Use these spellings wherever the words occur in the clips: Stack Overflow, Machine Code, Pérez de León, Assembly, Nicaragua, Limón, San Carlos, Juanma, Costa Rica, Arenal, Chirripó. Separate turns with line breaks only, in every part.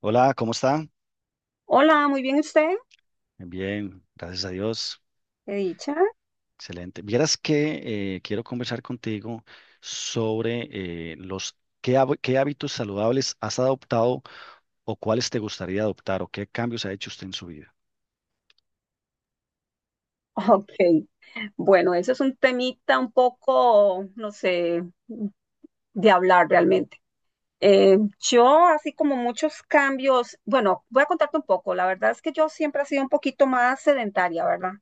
Hola, ¿cómo está?
Hola, muy bien usted,
Bien, gracias a Dios.
qué dicha.
Excelente. Vieras que quiero conversar contigo sobre qué hábitos saludables has adoptado o cuáles te gustaría adoptar o qué cambios ha hecho usted en su vida.
Ok, bueno, eso es un temita un poco, no sé, de hablar realmente. Yo, así como muchos cambios, bueno, voy a contarte un poco. La verdad es que yo siempre he sido un poquito más sedentaria, ¿verdad?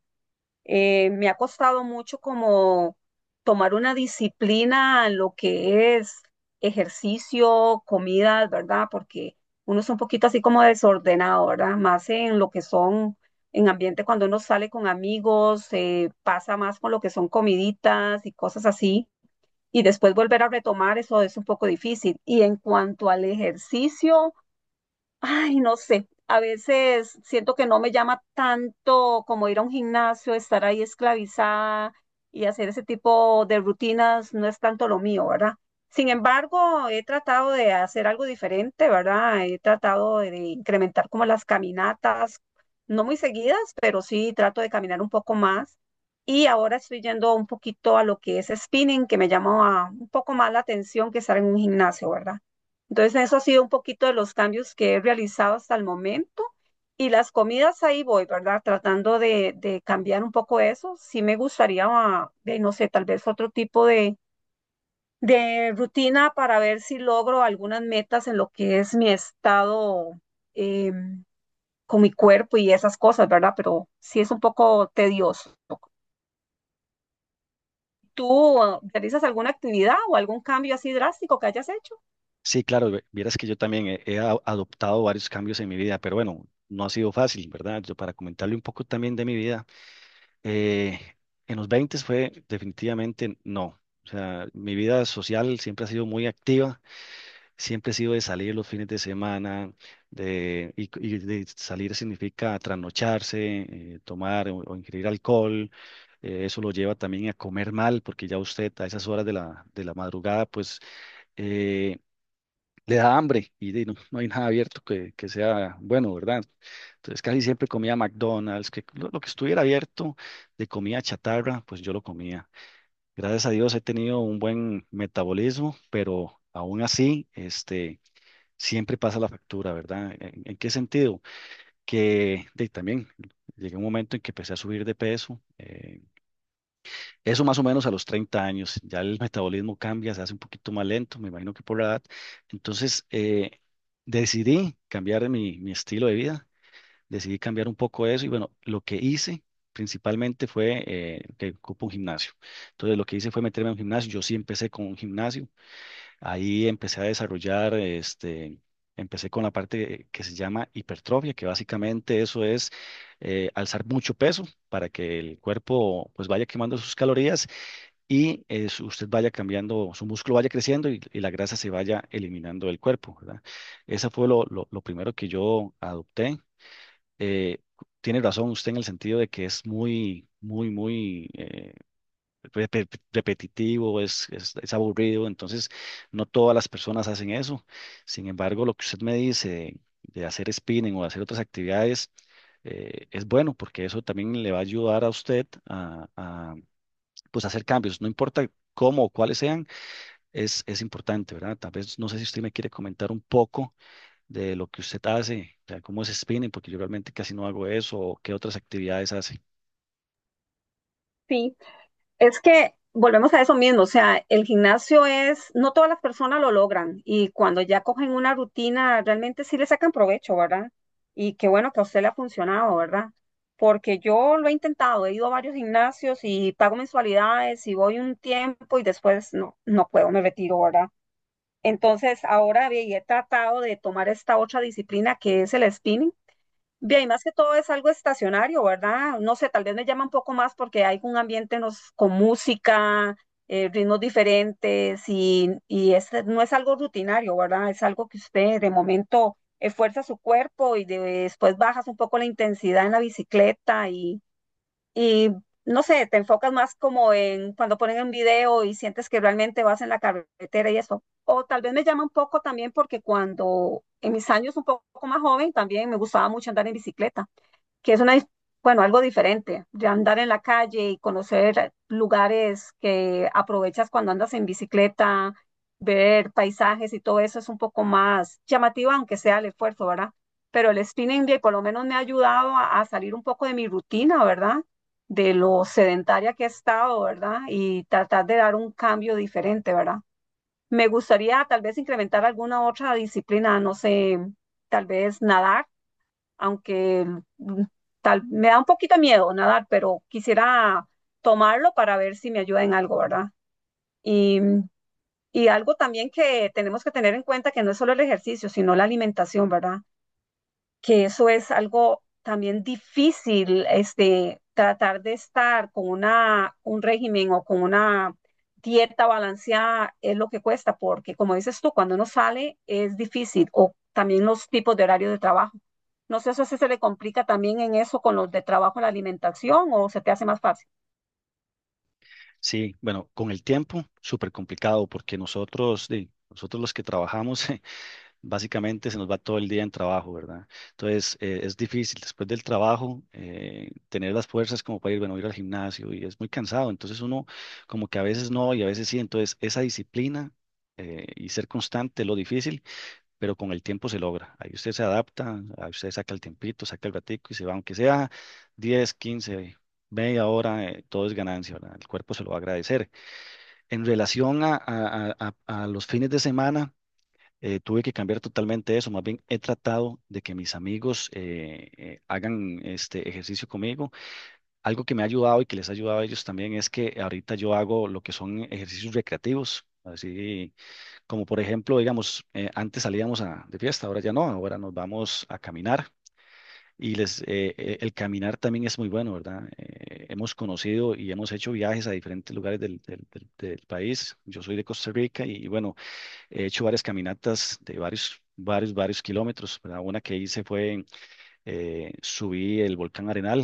Me ha costado mucho como tomar una disciplina en lo que es ejercicio, comidas, ¿verdad? Porque uno es un poquito así como desordenado, ¿verdad? Más en lo que son, en ambiente cuando uno sale con amigos, pasa más con lo que son comiditas y cosas así. Y después volver a retomar eso es un poco difícil. Y en cuanto al ejercicio, ay, no sé, a veces siento que no me llama tanto como ir a un gimnasio, estar ahí esclavizada y hacer ese tipo de rutinas no es tanto lo mío, ¿verdad? Sin embargo, he tratado de hacer algo diferente, ¿verdad? He tratado de incrementar como las caminatas, no muy seguidas, pero sí trato de caminar un poco más. Y ahora estoy yendo un poquito a lo que es spinning, que me llama un poco más la atención que estar en un gimnasio, ¿verdad? Entonces, eso ha sido un poquito de los cambios que he realizado hasta el momento. Y las comidas ahí voy, ¿verdad? Tratando de cambiar un poco eso. Sí me gustaría, ah, de, no sé, tal vez otro tipo de rutina para ver si logro algunas metas en lo que es mi estado eh, con mi cuerpo y esas cosas, ¿verdad? Pero sí es un poco tedioso. ¿Tú realizas alguna actividad o algún cambio así drástico que hayas hecho?
Sí, claro, vieras que yo también he adoptado varios cambios en mi vida, pero bueno, no ha sido fácil, ¿verdad? Yo para comentarle un poco también de mi vida, eh, en los 20 fue definitivamente no. O sea, mi vida social siempre ha sido muy activa. Siempre he sido de salir los fines de semana, y de salir significa trasnocharse, tomar o ingerir alcohol. Eso lo lleva también a comer mal, porque ya usted a esas horas de la madrugada, pues eh, le da hambre y no hay nada abierto que sea bueno, ¿verdad? Entonces casi siempre comía McDonald's, que lo que estuviera abierto de comida chatarra, pues yo lo comía. Gracias a Dios he tenido un buen metabolismo, pero aún así, siempre pasa la factura, ¿verdad? ¿En qué sentido? Que también llegué a un momento en que empecé a subir de peso, eso más o menos a los 30 años, ya el metabolismo cambia, se hace un poquito más lento, me imagino que por la edad. Entonces, decidí cambiar mi estilo de vida, decidí cambiar un poco eso y bueno, lo que hice principalmente fue que ocupo un gimnasio. Entonces lo que hice fue meterme a un gimnasio. Yo sí empecé con un gimnasio. Ahí empecé a desarrollar, empecé con la parte que se llama hipertrofia, que básicamente eso es alzar mucho peso para que el cuerpo pues vaya quemando sus calorías y usted vaya cambiando, su músculo vaya creciendo y la grasa se vaya eliminando del cuerpo, ¿verdad? Ese fue lo primero que yo adopté. Eh, Tiene razón usted en el sentido de que es muy, muy, muy, repetitivo, es aburrido, entonces no todas las personas hacen eso. Sin embargo, lo que usted me dice de hacer spinning o de hacer otras actividades es bueno porque eso también le va a ayudar a usted a, pues, hacer cambios, no importa cómo o cuáles sean, es importante, ¿verdad? Tal vez no sé si usted me quiere comentar un poco de lo que usted hace, o sea, cómo es spinning, porque yo realmente casi no hago eso, o qué otras actividades hace.
Sí. Es que volvemos a eso mismo, o sea, el gimnasio es, no todas las personas lo logran y cuando ya cogen una rutina, realmente sí le sacan provecho, ¿verdad? Y qué bueno que a usted le ha funcionado, ¿verdad? Porque yo lo he intentado, he ido a varios gimnasios y pago mensualidades y voy un tiempo y después no, no puedo, me retiro, ¿verdad? Entonces ahora ve, y he tratado de tomar esta otra disciplina que es el spinning. Bien, más que todo es algo estacionario, ¿verdad? No sé, tal vez me llama un poco más porque hay un ambiente con música, ritmos diferentes y no es algo rutinario, ¿verdad? Es algo que usted de momento esfuerza su cuerpo y después bajas un poco la intensidad en la bicicleta y no sé, te enfocas más como en cuando ponen un video y sientes que realmente vas en la carretera y eso. O tal vez me llama un poco también porque cuando en mis años un poco más joven también me gustaba mucho andar en bicicleta, que es una, bueno, algo diferente, de andar en la calle y conocer lugares que aprovechas cuando andas en bicicleta, ver paisajes y todo eso es un poco más llamativo, aunque sea el esfuerzo, ¿verdad? Pero el spinning day por lo menos me ha ayudado a salir un poco de mi rutina, ¿verdad? De lo sedentaria que he estado, ¿verdad? Y tratar de dar un cambio diferente, ¿verdad? Me gustaría tal vez incrementar alguna otra disciplina, no sé, tal vez nadar, aunque mm, tal, me da un poquito de miedo nadar, pero quisiera tomarlo para ver si me ayuda en algo, ¿verdad? Y, y algo también que tenemos que tener en cuenta que no es solo el ejercicio, sino la alimentación, ¿verdad? Que eso es algo también difícil, este, tratar de estar con una, un régimen o con una dieta balanceada es lo que cuesta, porque como dices tú, cuando uno sale es difícil, o también los tipos de horario de trabajo. No sé si se le complica también en eso con los de trabajo, la alimentación, o se te hace más fácil.
Sí, bueno, con el tiempo, súper complicado porque nosotros, nosotros los que trabajamos, básicamente se nos va todo el día en trabajo, ¿verdad? Entonces, es difícil después del trabajo tener las fuerzas como para ir, bueno, ir al gimnasio y es muy cansado. Entonces uno como que a veces no y a veces sí. Entonces, esa disciplina y ser constante es lo difícil, pero con el tiempo se logra. Ahí usted se adapta, ahí usted saca el tiempito, saca el ratico y se va, aunque sea 10, 15, media hora, todo es ganancia, ¿verdad? El cuerpo se lo va a agradecer. En relación a los fines de semana, tuve que cambiar totalmente eso. Más bien he tratado de que mis amigos hagan este ejercicio conmigo. Algo que me ha ayudado y que les ha ayudado a ellos también es que ahorita yo hago lo que son ejercicios recreativos. Así como por ejemplo, digamos, antes salíamos de fiesta, ahora ya no, ahora nos vamos a caminar. Y el caminar también es muy bueno, ¿verdad? Hemos conocido y hemos hecho viajes a diferentes lugares del país. Yo soy de Costa Rica y, bueno, he hecho varias caminatas de varios, varios, varios kilómetros, ¿verdad? Una que hice fue, subí el volcán Arenal.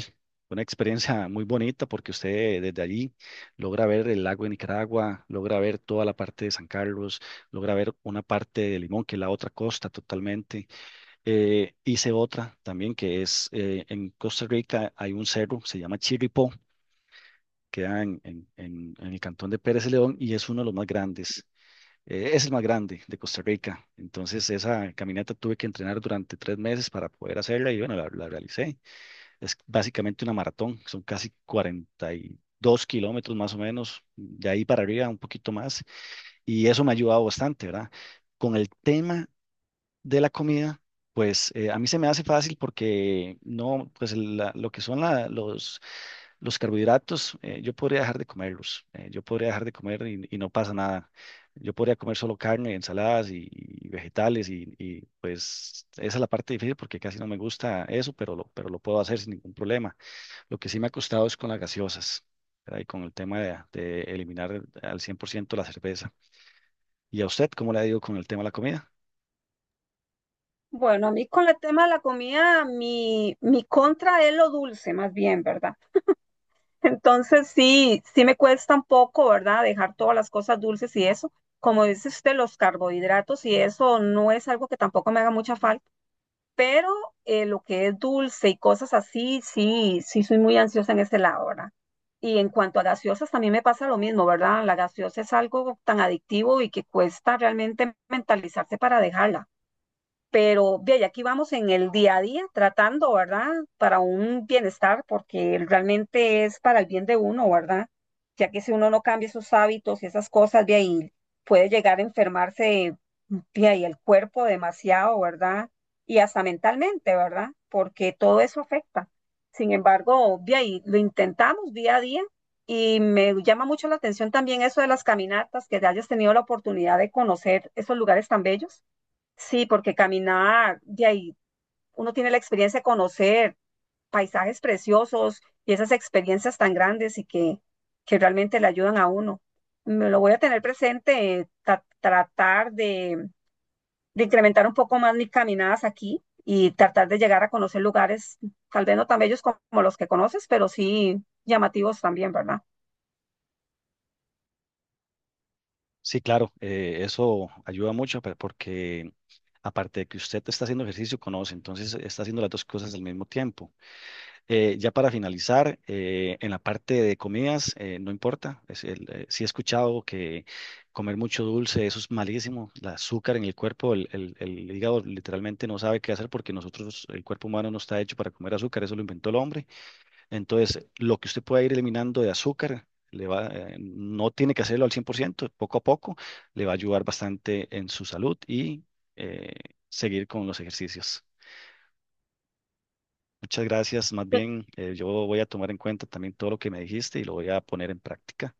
Fue una experiencia muy bonita porque usted desde allí logra ver el lago de Nicaragua, logra ver toda la parte de San Carlos, logra ver una parte de Limón, que es la otra costa totalmente. Hice otra también que es en Costa Rica hay un cerro, se llama Chirripó, queda en el cantón de Pérez de León y es uno de los más grandes. Es el más grande de Costa Rica. Entonces esa caminata tuve que entrenar durante 3 meses para poder hacerla y bueno, la realicé. Es básicamente una maratón, son casi 42 kilómetros más o menos, de ahí para arriba un poquito más y eso me ha ayudado bastante, ¿verdad? Con el tema de la comida, pues a mí se me hace fácil porque no, pues lo que son los carbohidratos, yo podría dejar de comerlos, yo podría dejar de comer y no pasa nada. Yo podría comer solo carne, ensaladas y vegetales pues esa es la parte difícil porque casi no me gusta eso, pero lo puedo hacer sin ningún problema. Lo que sí me ha costado es con las gaseosas, ¿verdad? Y con el tema de eliminar al 100% la cerveza. ¿Y a usted cómo le ha ido con el tema de la comida?
Bueno, a mí con el tema de la comida, mi contra es lo dulce, más bien, ¿verdad? Entonces sí, sí me cuesta un poco, ¿verdad? Dejar todas las cosas dulces y eso. Como dice usted, los carbohidratos y eso no es algo que tampoco me haga mucha falta, pero lo que es dulce y cosas así, sí, sí soy muy ansiosa en ese lado, ¿verdad? Y en cuanto a gaseosas, también me pasa lo mismo, ¿verdad? La gaseosa es algo tan adictivo y que cuesta realmente mentalizarse para dejarla, pero de ahí aquí vamos en el día a día tratando, ¿verdad? Para un bienestar, porque realmente es para el bien de uno, ¿verdad? Ya que si uno no cambia sus hábitos y esas cosas, de ahí puede llegar a enfermarse de ahí el cuerpo demasiado, ¿verdad? Y hasta mentalmente, ¿verdad? Porque todo eso afecta. Sin embargo, de ahí lo intentamos día a día y me llama mucho la atención también eso de las caminatas, que hayas tenido la oportunidad de conocer esos lugares tan bellos. Sí, porque caminar, de ahí uno tiene la experiencia de conocer paisajes preciosos y esas experiencias tan grandes y que realmente le ayudan a uno. Me lo voy a tener presente, tratar de incrementar un poco más mis caminadas aquí y tratar de llegar a conocer lugares, tal vez no tan bellos como los que conoces, pero sí llamativos también, ¿verdad?
Sí, claro, eso ayuda mucho porque aparte de que usted está haciendo ejercicio, conoce, entonces está haciendo las dos cosas al mismo tiempo. Ya para finalizar, en la parte de comidas, no importa, sí he escuchado que comer mucho dulce, eso es malísimo, el azúcar en el cuerpo, el hígado literalmente no sabe qué hacer porque nosotros, el cuerpo humano no está hecho para comer azúcar, eso lo inventó el hombre. Entonces, lo que usted pueda ir eliminando de azúcar, le va, no tiene que hacerlo al 100%. Poco a poco le va a ayudar bastante en su salud y eh, seguir con los ejercicios. Muchas gracias, más bien yo voy a tomar en cuenta también todo lo que me dijiste y lo voy a poner en práctica.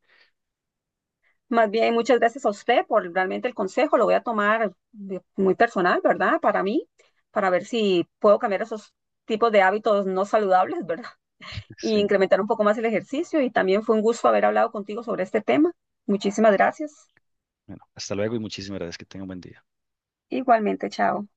Más bien, muchas gracias a usted por realmente el consejo. Lo voy a tomar muy personal, ¿verdad? Para mí, para ver si puedo cambiar esos tipos de hábitos no saludables, ¿verdad? Y
Sí,
incrementar un poco más el ejercicio. Y también fue un gusto haber hablado contigo sobre este tema. Muchísimas gracias.
bueno, hasta luego y muchísimas gracias, que tenga un buen día.
Igualmente, chao.